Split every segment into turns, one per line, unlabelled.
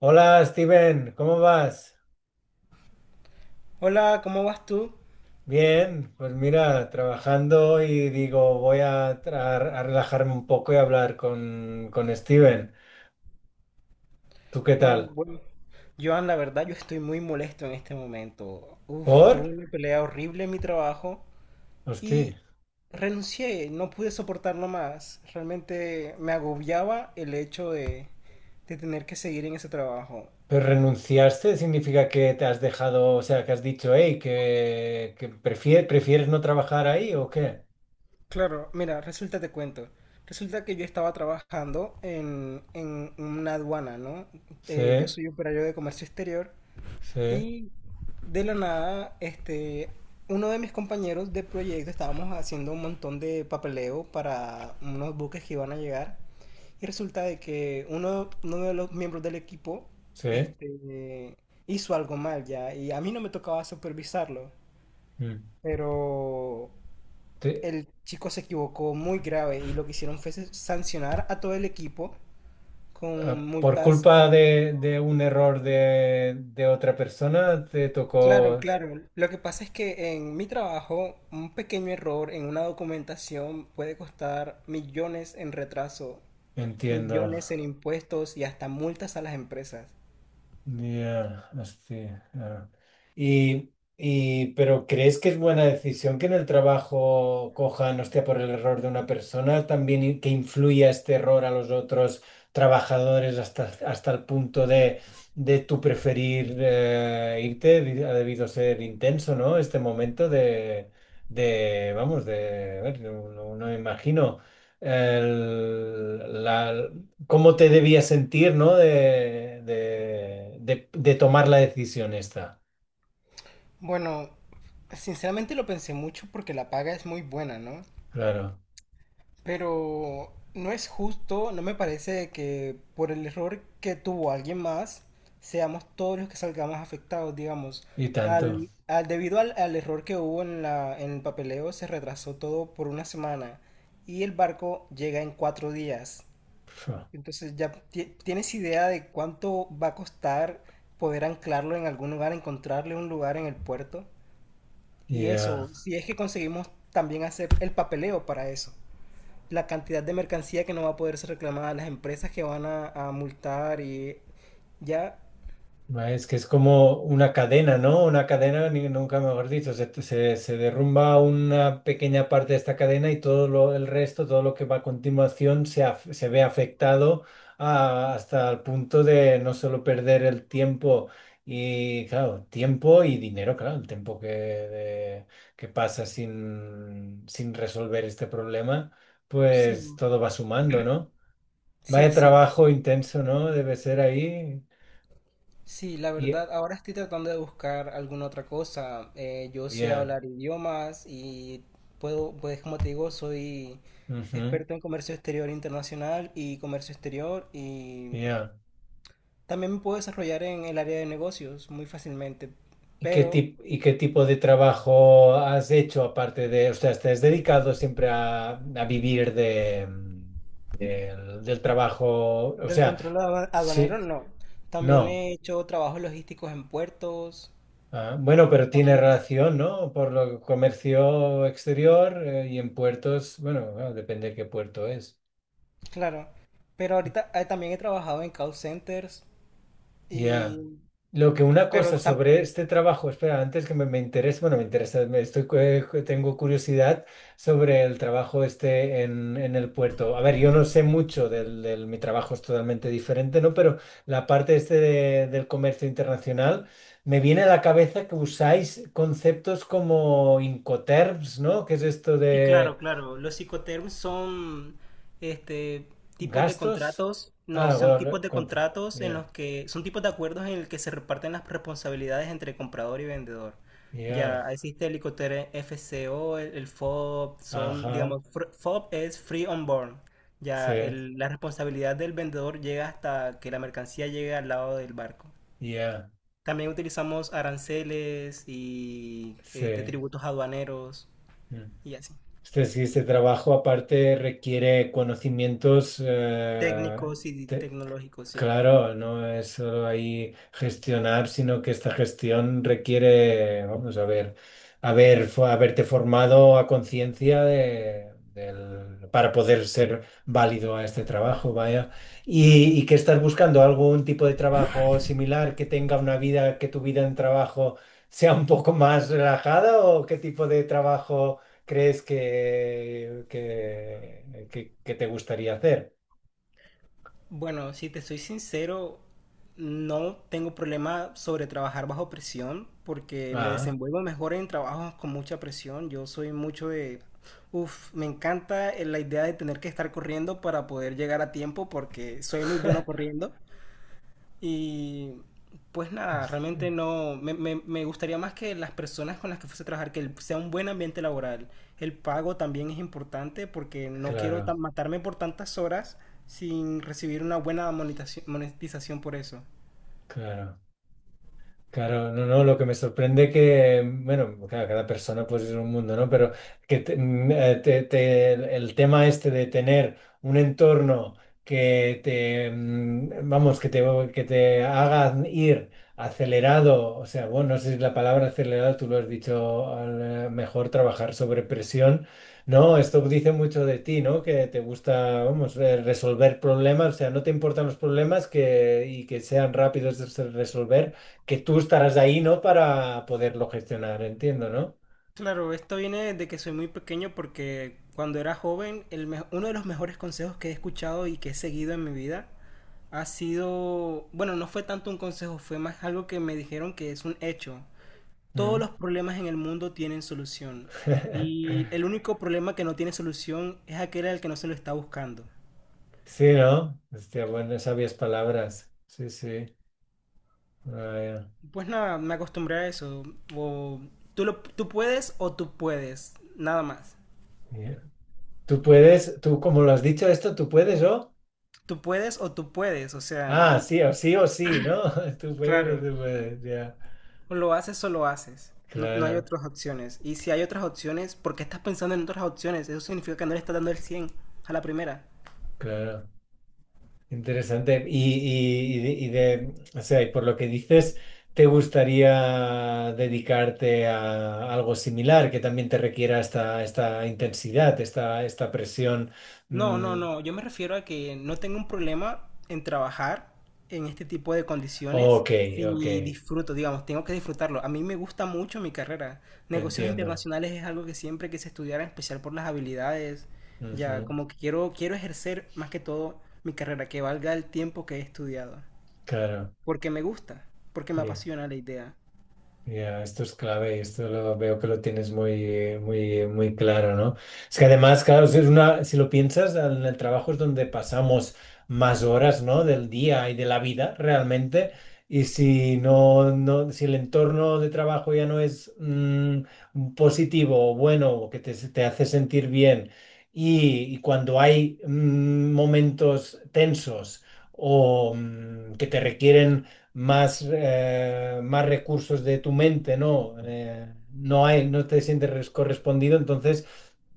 Hola Steven, ¿cómo vas?
Hola, ¿cómo vas tú?
Bien, pues mira, trabajando y digo, voy a relajarme un poco y hablar con Steven. ¿Tú qué
Ah,
tal?
bueno, Joan, la verdad yo estoy muy molesto en este momento. Uf,
¿Por?
tuve una pelea horrible en mi trabajo y
Hostia,
renuncié, no pude soportarlo más. Realmente me agobiaba el hecho de tener que seguir en ese trabajo.
¿pero renunciaste? ¿Significa que te has dejado, o sea, que has dicho, hey, que prefieres no trabajar ahí o qué?
Claro, mira, resulta te cuento. Resulta que yo estaba trabajando en una aduana, ¿no?
Sí,
Yo soy operario de comercio exterior.
sí,
Y de la nada, uno de mis compañeros de proyecto estábamos haciendo un montón de papeleo para unos buques que iban a llegar. Y resulta de que uno de los miembros del equipo,
sí.
este, hizo algo mal ya. Y a mí no me tocaba supervisarlo.
Mm.
Pero
Te-
el chico se equivocó muy grave y lo que hicieron fue sancionar a todo el equipo con
¿Por
multas.
culpa de un error de otra persona te
Claro,
tocó?
claro. Lo que pasa es que en mi trabajo, un pequeño error en una documentación puede costar millones en retraso,
Entiendo.
millones en impuestos y hasta multas a las empresas.
Ya, hostia, claro. Y, pero ¿crees que es buena decisión que en el trabajo cojan, hostia, por el error de una persona, también que influya este error a los otros trabajadores hasta el punto de tú preferir irte? Ha debido ser intenso, ¿no? Este momento de vamos, de, a ver, no, no me imagino. el- la- ¿Cómo te debías sentir, no? De tomar la decisión esta.
Bueno, sinceramente lo pensé mucho porque la paga es muy buena, ¿no?
Claro.
Pero no es justo, no me parece que por el error que tuvo alguien más, seamos todos los que salgamos afectados, digamos.
Y tanto.
Debido al error que hubo en en el papeleo, se retrasó todo por una semana y el barco llega en cuatro días.
Fu.
Entonces ya tienes idea de cuánto va a costar poder anclarlo en algún lugar, encontrarle un lugar en el puerto. Y
Ya.
eso, si es que conseguimos también hacer el papeleo para eso, la cantidad de mercancía que no va a poder ser reclamada, las empresas que van a multar y ya,
Es que es como una cadena, ¿no? Una cadena, nunca mejor dicho, se derrumba una pequeña parte de esta cadena y el resto, todo lo que va a continuación, se ve afectado hasta el punto de no solo perder el tiempo y, claro, tiempo y dinero, claro, el tiempo que, que pasa sin resolver este problema,
sí,
pues todo va sumando, ¿no?
sí,
Vaya
sí,
trabajo intenso, ¿no? Debe ser ahí.
sí, la
y-
verdad, ahora estoy tratando de buscar alguna otra cosa. Yo sé
Yeah.
hablar idiomas y puedo, pues como te digo, soy
Ujú,
experto en comercio exterior internacional y comercio exterior y
ya.
también me puedo desarrollar en el área de negocios muy fácilmente,
¿Y qué
pero
y qué tipo de trabajo has hecho aparte de, o sea, te has dedicado siempre a vivir de, del del trabajo? O
del
sea,
control aduanero
sí,
no. También
no.
he hecho trabajos logísticos en puertos.
Ah, bueno, pero tiene
También,
relación, ¿no? Por lo que comercio exterior y en puertos, bueno, bueno, depende de qué puerto es.
claro. Pero ahorita también he trabajado en call centers
Ya.
y...
Lo que una
Pero
cosa
tam-
sobre este trabajo, espera, antes que me interese, bueno, me interesa, tengo curiosidad sobre el trabajo este en el puerto. A ver, yo no sé mucho mi trabajo es totalmente diferente, ¿no? Pero la parte este del comercio internacional, me viene a la cabeza que usáis conceptos como Incoterms, ¿no? ¿Qué es esto
Y
de
claro, claro, los psicoterms son, este tipos de
gastos?
contratos, no,
Ah,
son tipos de
contra.
contratos en
Ya,
los que son tipos de acuerdos en el que se reparten las responsabilidades entre comprador y vendedor. Ya
ya,
existe el Icoterm FCO, el FOB, son,
ajá,
digamos, FOB es Free on Board.
sí,
Ya la responsabilidad del vendedor llega hasta que la mercancía llegue al lado del barco.
ya,
También utilizamos aranceles y,
sí.
tributos aduaneros
Mm.
y así.
Este, sí, este trabajo aparte requiere conocimientos
Técnicos y
te-
tecnológicos, sí.
Claro, no es solo ahí gestionar, sino que esta gestión requiere, vamos a ver, haber, haberte formado a conciencia para poder ser válido a este trabajo, vaya. Y que estás buscando algún tipo de trabajo similar que tenga una vida, que tu vida en trabajo sea un poco más relajada, ¿o qué tipo de trabajo crees que te gustaría hacer?
Bueno, si te soy sincero, no tengo problema sobre trabajar bajo presión porque me
Ah.
desenvuelvo mejor en trabajos con mucha presión. Yo soy mucho de... Uf, me encanta la idea de tener que estar corriendo para poder llegar a tiempo porque soy muy bueno corriendo. Y pues nada, realmente no, me gustaría más que las personas con las que fuese a trabajar, que sea un buen ambiente laboral. El pago también es importante porque no quiero
Claro,
matarme por tantas horas sin recibir una buena monetización por eso.
claro. Claro, no, no, lo que me sorprende que, bueno, claro, cada persona pues es un mundo, ¿no? Pero que el tema este de tener un entorno que te, mm, vamos, que te haga ir acelerado, o sea, bueno, no sé si la palabra acelerado tú lo has dicho mejor, trabajar sobre presión, ¿no? Esto dice mucho de ti, ¿no? Que te gusta, vamos, resolver problemas, o sea, no te importan los problemas y que sean rápidos de resolver, que tú estarás ahí, ¿no? Para poderlo gestionar, entiendo, ¿no?
Claro, esto viene de que soy muy pequeño porque cuando era joven, uno de los mejores consejos que he escuchado y que he seguido en mi vida ha sido, bueno, no fue tanto un consejo, fue más algo que me dijeron que es un hecho. Todos
Mm.
los problemas en el mundo tienen solución. Y el único problema que no tiene solución es aquel al que no se lo está buscando.
Sí, ¿no? Hostia, bueno, sabias palabras. Sí, sí. Vaya.
Pues nada, me acostumbré a eso. O Tú puedes o tú puedes. Nada más.
Bien. Tú puedes, tú como lo has dicho esto, tú puedes, ¿o?
Tú puedes. O sea,
Ah, sí, o sí, o sí, ¿no? Tú puedes o
claro.
tú puedes, ya.
O lo haces o lo haces. No, no hay
Claro,
otras opciones. Y si hay otras opciones, ¿por qué estás pensando en otras opciones? Eso significa que no le estás dando el 100 a la primera.
claro. Interesante. Y, o sea, y por lo que dices, ¿te gustaría dedicarte a algo similar que también te requiera esta intensidad, esta presión?
No, no,
Mm,
no. Yo me refiero a que no tengo un problema en trabajar en este tipo de condiciones
ok, ok,
si disfruto, digamos, tengo que disfrutarlo. A mí me gusta mucho mi carrera. Negocios
entiendo.
internacionales es algo que siempre quise estudiar, en especial por las habilidades.
Ujú,
Ya, como que quiero ejercer más que todo mi carrera, que valga el tiempo que he estudiado.
claro.
Porque me gusta, porque me apasiona la idea.
Ya, esto es clave y esto lo veo que lo tienes muy, muy, muy claro, ¿no? Es que además, claro, si es una, si lo piensas, en el trabajo es donde pasamos más horas, ¿no? Del día y de la vida realmente. Y si el entorno de trabajo ya no es positivo o bueno, o que te hace sentir bien, y cuando hay momentos tensos o que te requieren más recursos de tu mente, ¿no? No te sientes correspondido, entonces,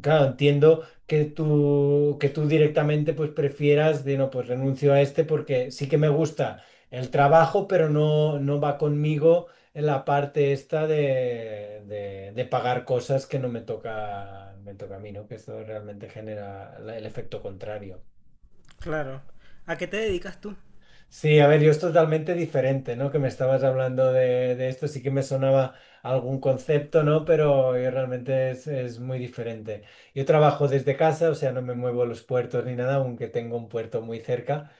claro, entiendo que tú, directamente pues prefieras no, pues renuncio a este porque sí que me gusta el trabajo, pero no va conmigo en la parte esta de pagar cosas que no me toca, me toca a mí, ¿no? Que esto realmente genera el efecto contrario.
Claro. ¿A qué te dedicas tú?
Sí, a ver, yo es totalmente diferente, ¿no? Que me estabas hablando de esto, sí que me sonaba algún concepto, ¿no? Pero yo realmente es muy diferente. Yo trabajo desde casa, o sea, no me muevo a los puertos ni nada, aunque tengo un puerto muy cerca.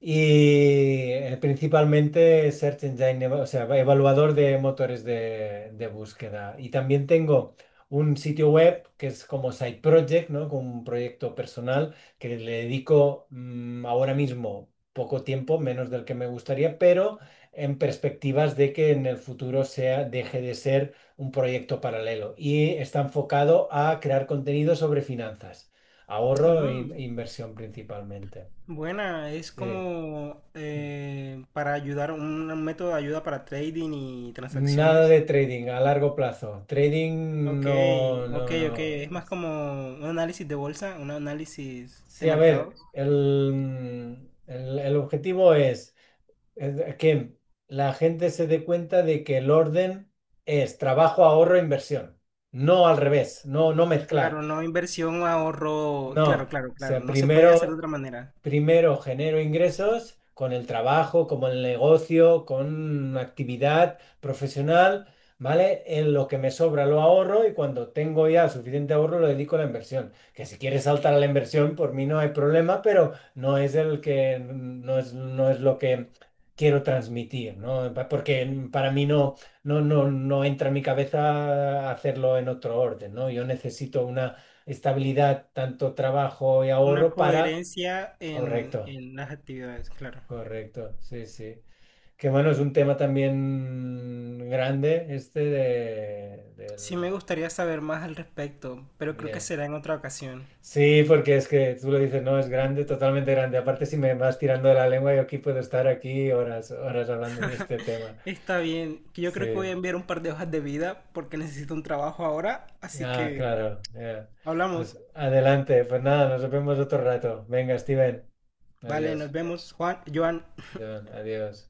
Y principalmente Search Engine, o sea, evaluador de motores de búsqueda. Y también tengo un sitio web que es como side project, ¿no? Como un proyecto personal que le dedico ahora mismo poco tiempo, menos del que me gustaría, pero en perspectivas de que en el futuro sea, deje de ser un proyecto paralelo. Y está enfocado a crear contenido sobre finanzas, ahorro e in-
Mm.
e inversión principalmente.
Buena, es
Sí.
como,
Mm.
para ayudar, un método de ayuda para trading y
Nada
transacciones.
de trading a largo plazo. Trading
Ok,
no,
ok,
no,
ok.
no.
Es más como un análisis de bolsa, un análisis de
Sí, a
mercados.
ver, el objetivo es que la gente se dé cuenta de que el orden es trabajo, ahorro, inversión. No al revés, no, no mezclar.
Claro, no inversión, ahorro.
No,
Claro, claro,
o
claro.
sea,
No se puede hacer
primero
de otra manera.
Genero ingresos con el trabajo, como el negocio, con una actividad profesional, ¿vale? En lo que me sobra lo ahorro y cuando tengo ya suficiente ahorro lo dedico a la inversión. Que si quieres saltar a la inversión, por mí no hay problema, pero no es el que, no es lo que quiero transmitir, ¿no? Porque para mí no entra en mi cabeza hacerlo en otro orden, ¿no? Yo necesito una estabilidad, tanto trabajo y
Una
ahorro para.
coherencia
Correcto,
en las actividades, claro.
correcto, sí, sí. Que bueno, es un tema también grande este
Sí
del
me gustaría saber más al respecto, pero creo que
día.
será en otra ocasión.
Sí, porque es que tú lo dices, no, es grande, totalmente grande. Aparte, si me vas tirando de la lengua, yo aquí puedo estar aquí horas, horas hablando de este tema.
Está bien, que yo creo que voy a
Sí,
enviar un par de hojas de vida porque necesito un trabajo ahora, así
ah,
que
claro. Ya.
hablamos.
Pues adelante, pues nada, nos vemos otro rato. Venga, Steven,
Vale, nos
adiós.
vemos, Juan, Joan.
John, adiós.